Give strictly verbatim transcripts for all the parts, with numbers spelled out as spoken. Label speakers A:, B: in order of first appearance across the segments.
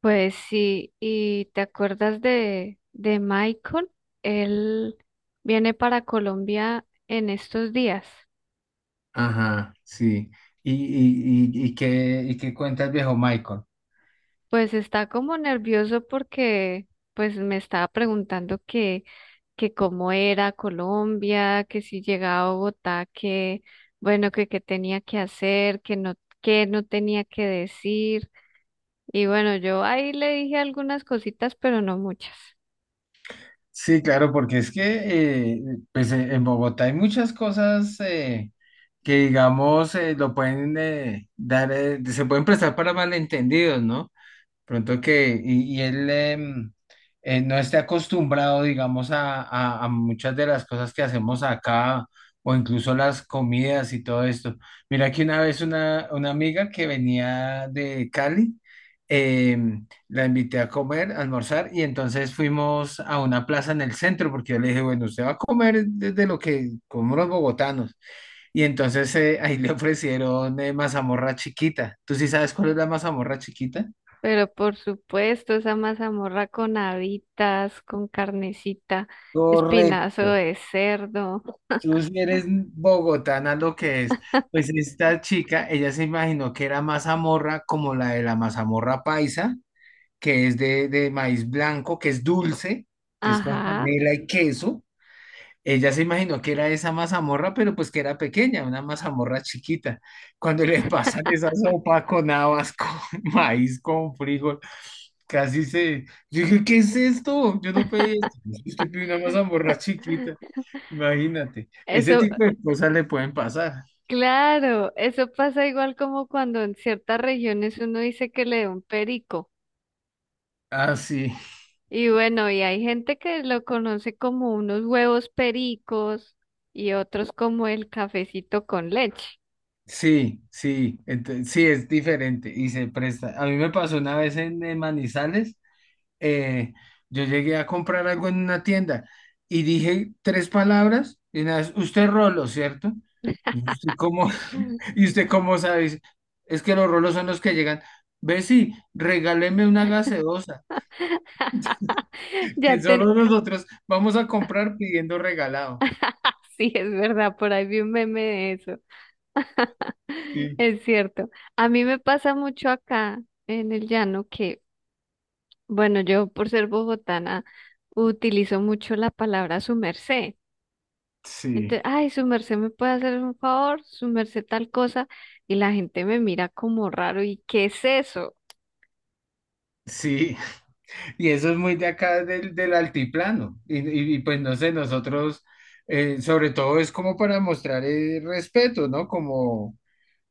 A: Pues sí, ¿y te acuerdas de, de Michael? Él viene para Colombia en estos días.
B: Ajá, sí. ¿Y, y, y, y qué, y qué cuenta el viejo Michael?
A: Pues está como nervioso porque pues me estaba preguntando que, que cómo era Colombia, que si llegaba a Bogotá, que bueno, que qué tenía que hacer, que no, que no tenía que decir. Y bueno, yo ahí le dije algunas cositas, pero no muchas.
B: Sí, claro, porque es que eh, pues, eh, en Bogotá hay muchas cosas eh, que, digamos, eh, lo pueden eh, dar, eh, se pueden prestar para malentendidos, ¿no? Pronto que, y, y él em, eh, no esté acostumbrado, digamos, a, a- a muchas de las cosas que hacemos acá, o incluso las comidas y todo esto. Mira que una vez una, una amiga que venía de Cali, em, la invité a comer, a almorzar, y entonces fuimos a una plaza en el centro, porque yo le dije, bueno, usted va a comer desde lo que comemos los bogotanos. Y entonces eh, ahí le ofrecieron eh, mazamorra chiquita. ¿Tú sí sabes cuál es la mazamorra chiquita?
A: Pero por supuesto, esa mazamorra con habitas, con carnecita, espinazo
B: Correcto.
A: de cerdo.
B: Tú sí eres bogotana lo que es. Pues esta chica, ella se imaginó que era mazamorra como la de la mazamorra paisa, que es de, de maíz blanco, que es dulce, que es con
A: Ajá,
B: panela y queso. Ella se imaginó que era esa mazamorra, pero pues que era pequeña, una mazamorra chiquita. Cuando le pasan esa sopa con habas, con maíz, con frijol, casi se... Yo dije, ¿qué es esto? Yo no pedí esto. Usted pidió una mazamorra chiquita. Imagínate, ese
A: eso,
B: tipo de cosas le pueden pasar.
A: claro, eso pasa igual como cuando en ciertas regiones uno dice que le da un perico.
B: Ah, sí,
A: Y bueno, y hay gente que lo conoce como unos huevos pericos y otros como el cafecito con leche.
B: sí, sí, ente- sí, es diferente y se presta. A mí me pasó una vez en, eh, Manizales, eh, yo llegué a comprar algo en una tienda y dije tres palabras y una vez, usted rolo, ¿cierto? ¿Y usted cómo, y usted cómo sabe? Es que los rolos son los que llegan. Ve, sí, regáleme una gaseosa, que
A: Ya ten,
B: solo nosotros vamos a comprar pidiendo regalado.
A: sí, es verdad, por ahí vi un meme de eso.
B: Sí.
A: Es cierto. A mí me pasa mucho acá en el llano que, bueno, yo por ser bogotana utilizo mucho la palabra su merced.
B: Sí,
A: Entonces, ay, su merced me puede hacer un favor, su merced tal cosa, y la gente me mira como raro. ¿Y qué es eso?
B: sí. Y eso es muy de acá del, del altiplano. Y, y- y, pues no sé, nosotros, eh, sobre todo es como para mostrar eh, respeto, ¿no? Como,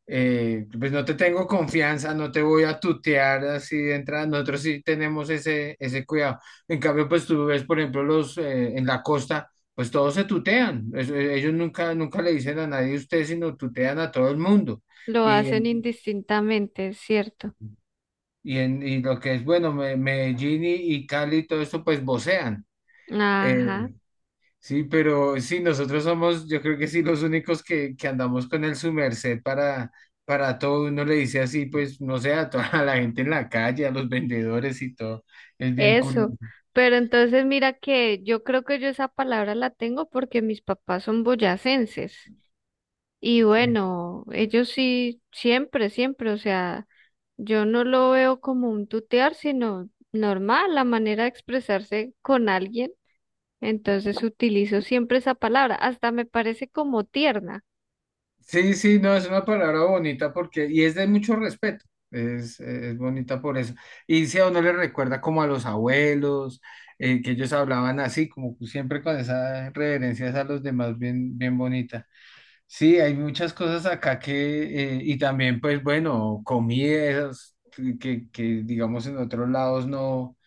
B: eh, pues no te tengo confianza, no te voy a tutear así de entrada. Nosotros sí tenemos ese, ese cuidado. En cambio, pues tú ves, por ejemplo, los eh, en la costa, pues todos se tutean. Es- eh, ellos nunca, nunca le dicen a nadie usted, sino tutean a todo el mundo.
A: Lo
B: Y,
A: hacen
B: en-
A: indistintamente, es cierto.
B: y, en, y lo que es, bueno, Me- Medellín y, y Cali, y todo esto, pues vocean. Eh,
A: Ajá,
B: Sí, pero sí, nosotros somos, yo creo que sí, los únicos que, que andamos con el su merced para, para todo. Uno le dice así, pues, no sé, a toda la gente en la calle, a los vendedores y todo. Es bien
A: eso.
B: curioso.
A: Pero entonces mira que yo creo que yo esa palabra la tengo porque mis papás son boyacenses. Y bueno, ellos sí, siempre, siempre, o sea, yo no lo veo como un tutear, sino normal, la manera de expresarse con alguien. Entonces utilizo siempre esa palabra, hasta me parece como tierna.
B: Sí, sí, no, es una palabra bonita porque, y es de mucho respeto, es, es bonita por eso. Y si a uno le recuerda como a los abuelos, eh, que ellos hablaban así, como siempre con esas reverencias a los demás, bien, bien bonita. Sí, hay muchas cosas acá que, eh, y también pues bueno, comidas que, que digamos en otros lados no,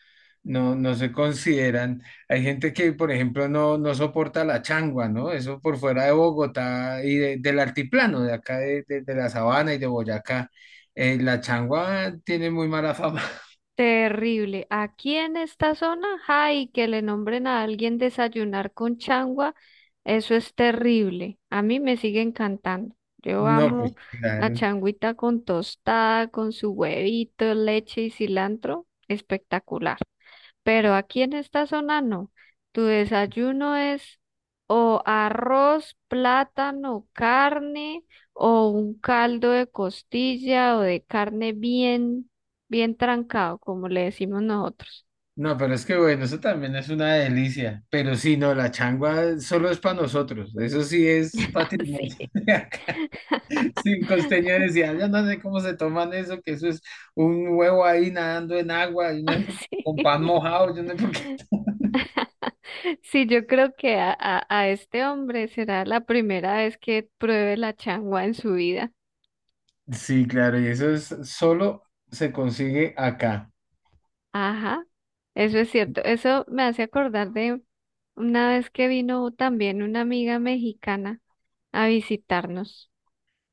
B: no, no se consideran. Hay gente que, por ejemplo, no, no soporta la changua, ¿no? Eso por fuera de Bogotá y de- del altiplano, de acá de, de- de la sabana y de Boyacá. Eh, la changua tiene muy mala fama.
A: Terrible. Aquí en esta zona, ay, que le nombren a alguien desayunar con changua, eso es terrible. A mí me sigue encantando. Yo
B: No,
A: amo
B: pues
A: la
B: claro.
A: changuita con tostada, con su huevito, leche y cilantro. Espectacular. Pero aquí en esta zona no. Tu desayuno es o arroz, plátano, carne o un caldo de costilla o de carne bien, bien trancado, como le decimos nosotros.
B: No, pero es que bueno, eso también es una delicia. Pero sí, no, la changua solo es para nosotros. Eso sí es
A: Así,
B: patrimonio de acá. Si un costeño decía, yo no sé cómo se toman eso, que eso es un huevo ahí nadando en agua, y no sé por-
A: así.
B: con pan
A: Sí,
B: mojado, yo no sé por qué.
A: Sí, yo creo que a, a, a este hombre será la primera vez que pruebe la changua en su vida.
B: Sí, claro, y eso es solo se consigue acá.
A: Ajá, eso es cierto. Eso me hace acordar de una vez que vino también una amiga mexicana a visitarnos.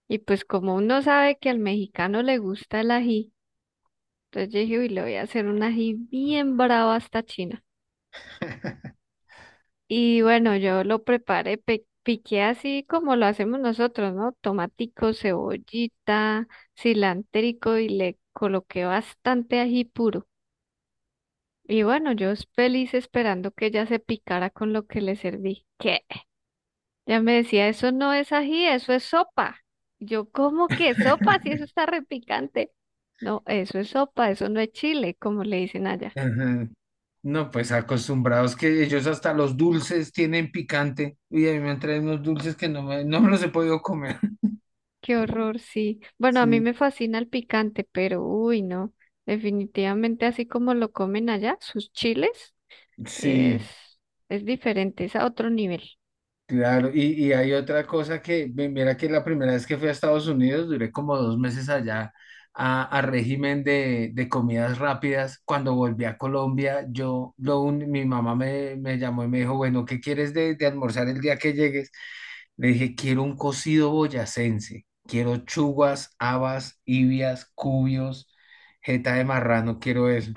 A: Y pues como uno sabe que al mexicano le gusta el ají, entonces yo dije, uy, le voy a hacer un ají bien bravo hasta China. Y bueno, yo lo preparé, pe- piqué así como lo hacemos nosotros, ¿no? Tomatico, cebollita, cilantrico y le coloqué bastante ají puro. Y bueno, yo feliz esperando que ella se picara con lo que le serví. Ya me decía, eso no es ají, eso es sopa. Yo, ¿cómo que sopa? Si eso está repicante. No, eso es sopa, eso no es chile, como le dicen allá.
B: Ajá. No, pues acostumbrados que ellos hasta los dulces tienen picante. Y a mí me han traído unos dulces que no me, no me los he podido comer.
A: Qué horror, sí. Bueno, a mí
B: Sí.
A: me fascina el picante, pero uy, no. Definitivamente así como lo comen allá, sus chiles es,
B: Sí,
A: es diferente, es a otro nivel.
B: claro. Y, y hay otra cosa que, mi- mira que la primera vez que fui a Estados Unidos, duré como dos meses allá a, a régimen de, de comidas rápidas. Cuando volví a Colombia, yo, lo un- mi mamá me, me llamó y me dijo, bueno, ¿qué quieres de, de almorzar el día que llegues? Le dije, quiero un cocido boyacense, quiero chugas, habas, ibias, cubios, jeta de marrano, quiero eso.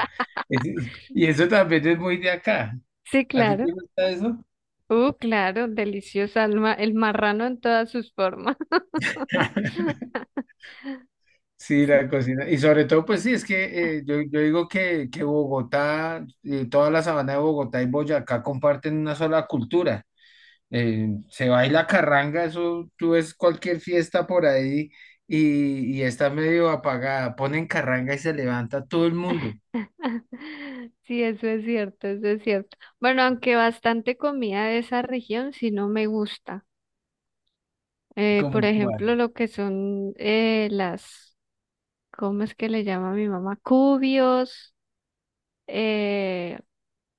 B: Y eso también es muy de acá.
A: Sí,
B: ¿A ti
A: claro.
B: te gusta eso?
A: Uh, claro, deliciosa el, ma- el marrano en todas sus formas.
B: Sí,
A: sí
B: la cocina. Y sobre todo, pues sí, es que eh, yo, yo digo que, que Bogotá, eh, toda la sabana de Bogotá y Boyacá comparten una sola cultura. Eh, se baila carranga, eso tú ves cualquier fiesta por ahí y, y está medio apagada. Ponen carranga y se levanta todo el mundo,
A: Sí, eso es cierto, eso es cierto. Bueno, aunque bastante comida de esa región sí no me gusta. Eh, por
B: como
A: ejemplo,
B: cual.
A: lo que son eh, las, ¿cómo es que le llama mi mamá? Cubios, eh,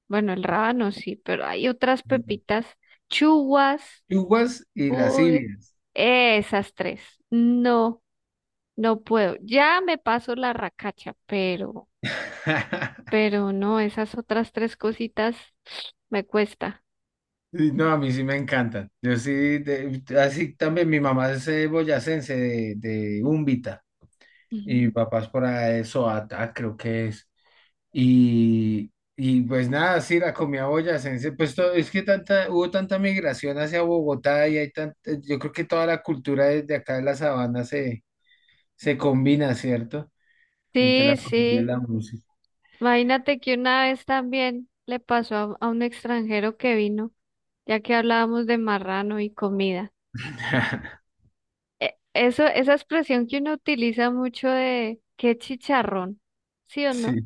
A: bueno, el rábano sí, pero hay otras pepitas, chuguas,
B: Yuguas y
A: uy,
B: lascivias.
A: esas tres. No, no puedo. Ya me paso la racacha, pero, pero no, esas otras tres cositas me cuesta.
B: Y no, a mí sí me encantan. Yo sí, de- así también mi mamá es eh, boyacense de, de Úmbita. Y
A: Ujú.
B: papás por eso, Soata, creo que es. Y, y pues nada, sí, la comida boyacense, pues todo es que tanta, hubo tanta migración hacia Bogotá y hay tanta, yo creo que toda la cultura desde acá de la sabana se, se combina, ¿cierto? Entre
A: Sí,
B: la comida y
A: sí.
B: la música.
A: Imagínate que una vez también le pasó a, a un extranjero que vino, ya que hablábamos de marrano y comida. E- Eso, esa expresión que uno utiliza mucho de qué chicharrón, ¿sí o
B: Sí,
A: no?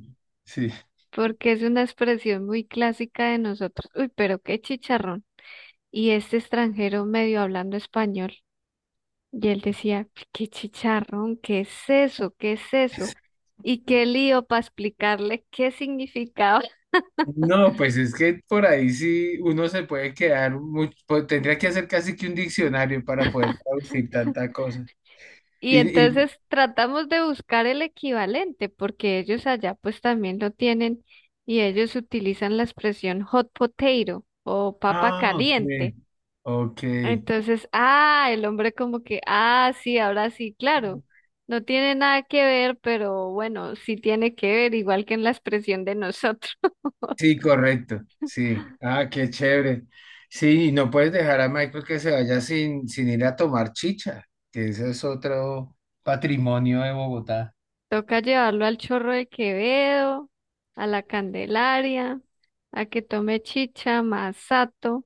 B: sí.
A: Porque es una expresión muy clásica de nosotros. Uy, pero qué chicharrón. Y este extranjero medio hablando español, y él decía, qué chicharrón, ¿qué es eso? ¿Qué es eso? Y qué lío para explicarle qué significaba.
B: No, pues es que por ahí sí uno se puede quedar, mucho, tendría que hacer casi que un diccionario para poder traducir tanta cosa.
A: Y
B: Y, y,
A: entonces tratamos de buscar el equivalente, porque ellos allá pues también lo tienen y ellos utilizan la expresión hot potato o papa
B: ah, ok,
A: caliente.
B: ok.
A: Entonces, ah, el hombre como que, ah, sí, ahora sí, claro, no tiene nada que ver, pero bueno, sí tiene que ver, igual que en la expresión de nosotros.
B: Sí, correcto. Sí. Ah, qué chévere. Sí, y no puedes dejar a Michael que se vaya sin, sin ir a tomar chicha, que ese es otro patrimonio de Bogotá.
A: Toca llevarlo al Chorro de Quevedo, a la Candelaria, a que tome chicha, masato.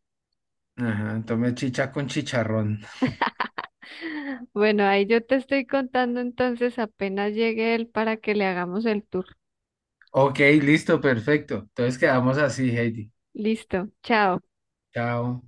B: Ajá, tome chicha con chicharrón.
A: Bueno, ahí yo te estoy contando entonces apenas llegue él para que le hagamos el tour.
B: Ok, listo, perfecto. Entonces quedamos así, Heidi.
A: Listo, chao.
B: Chao.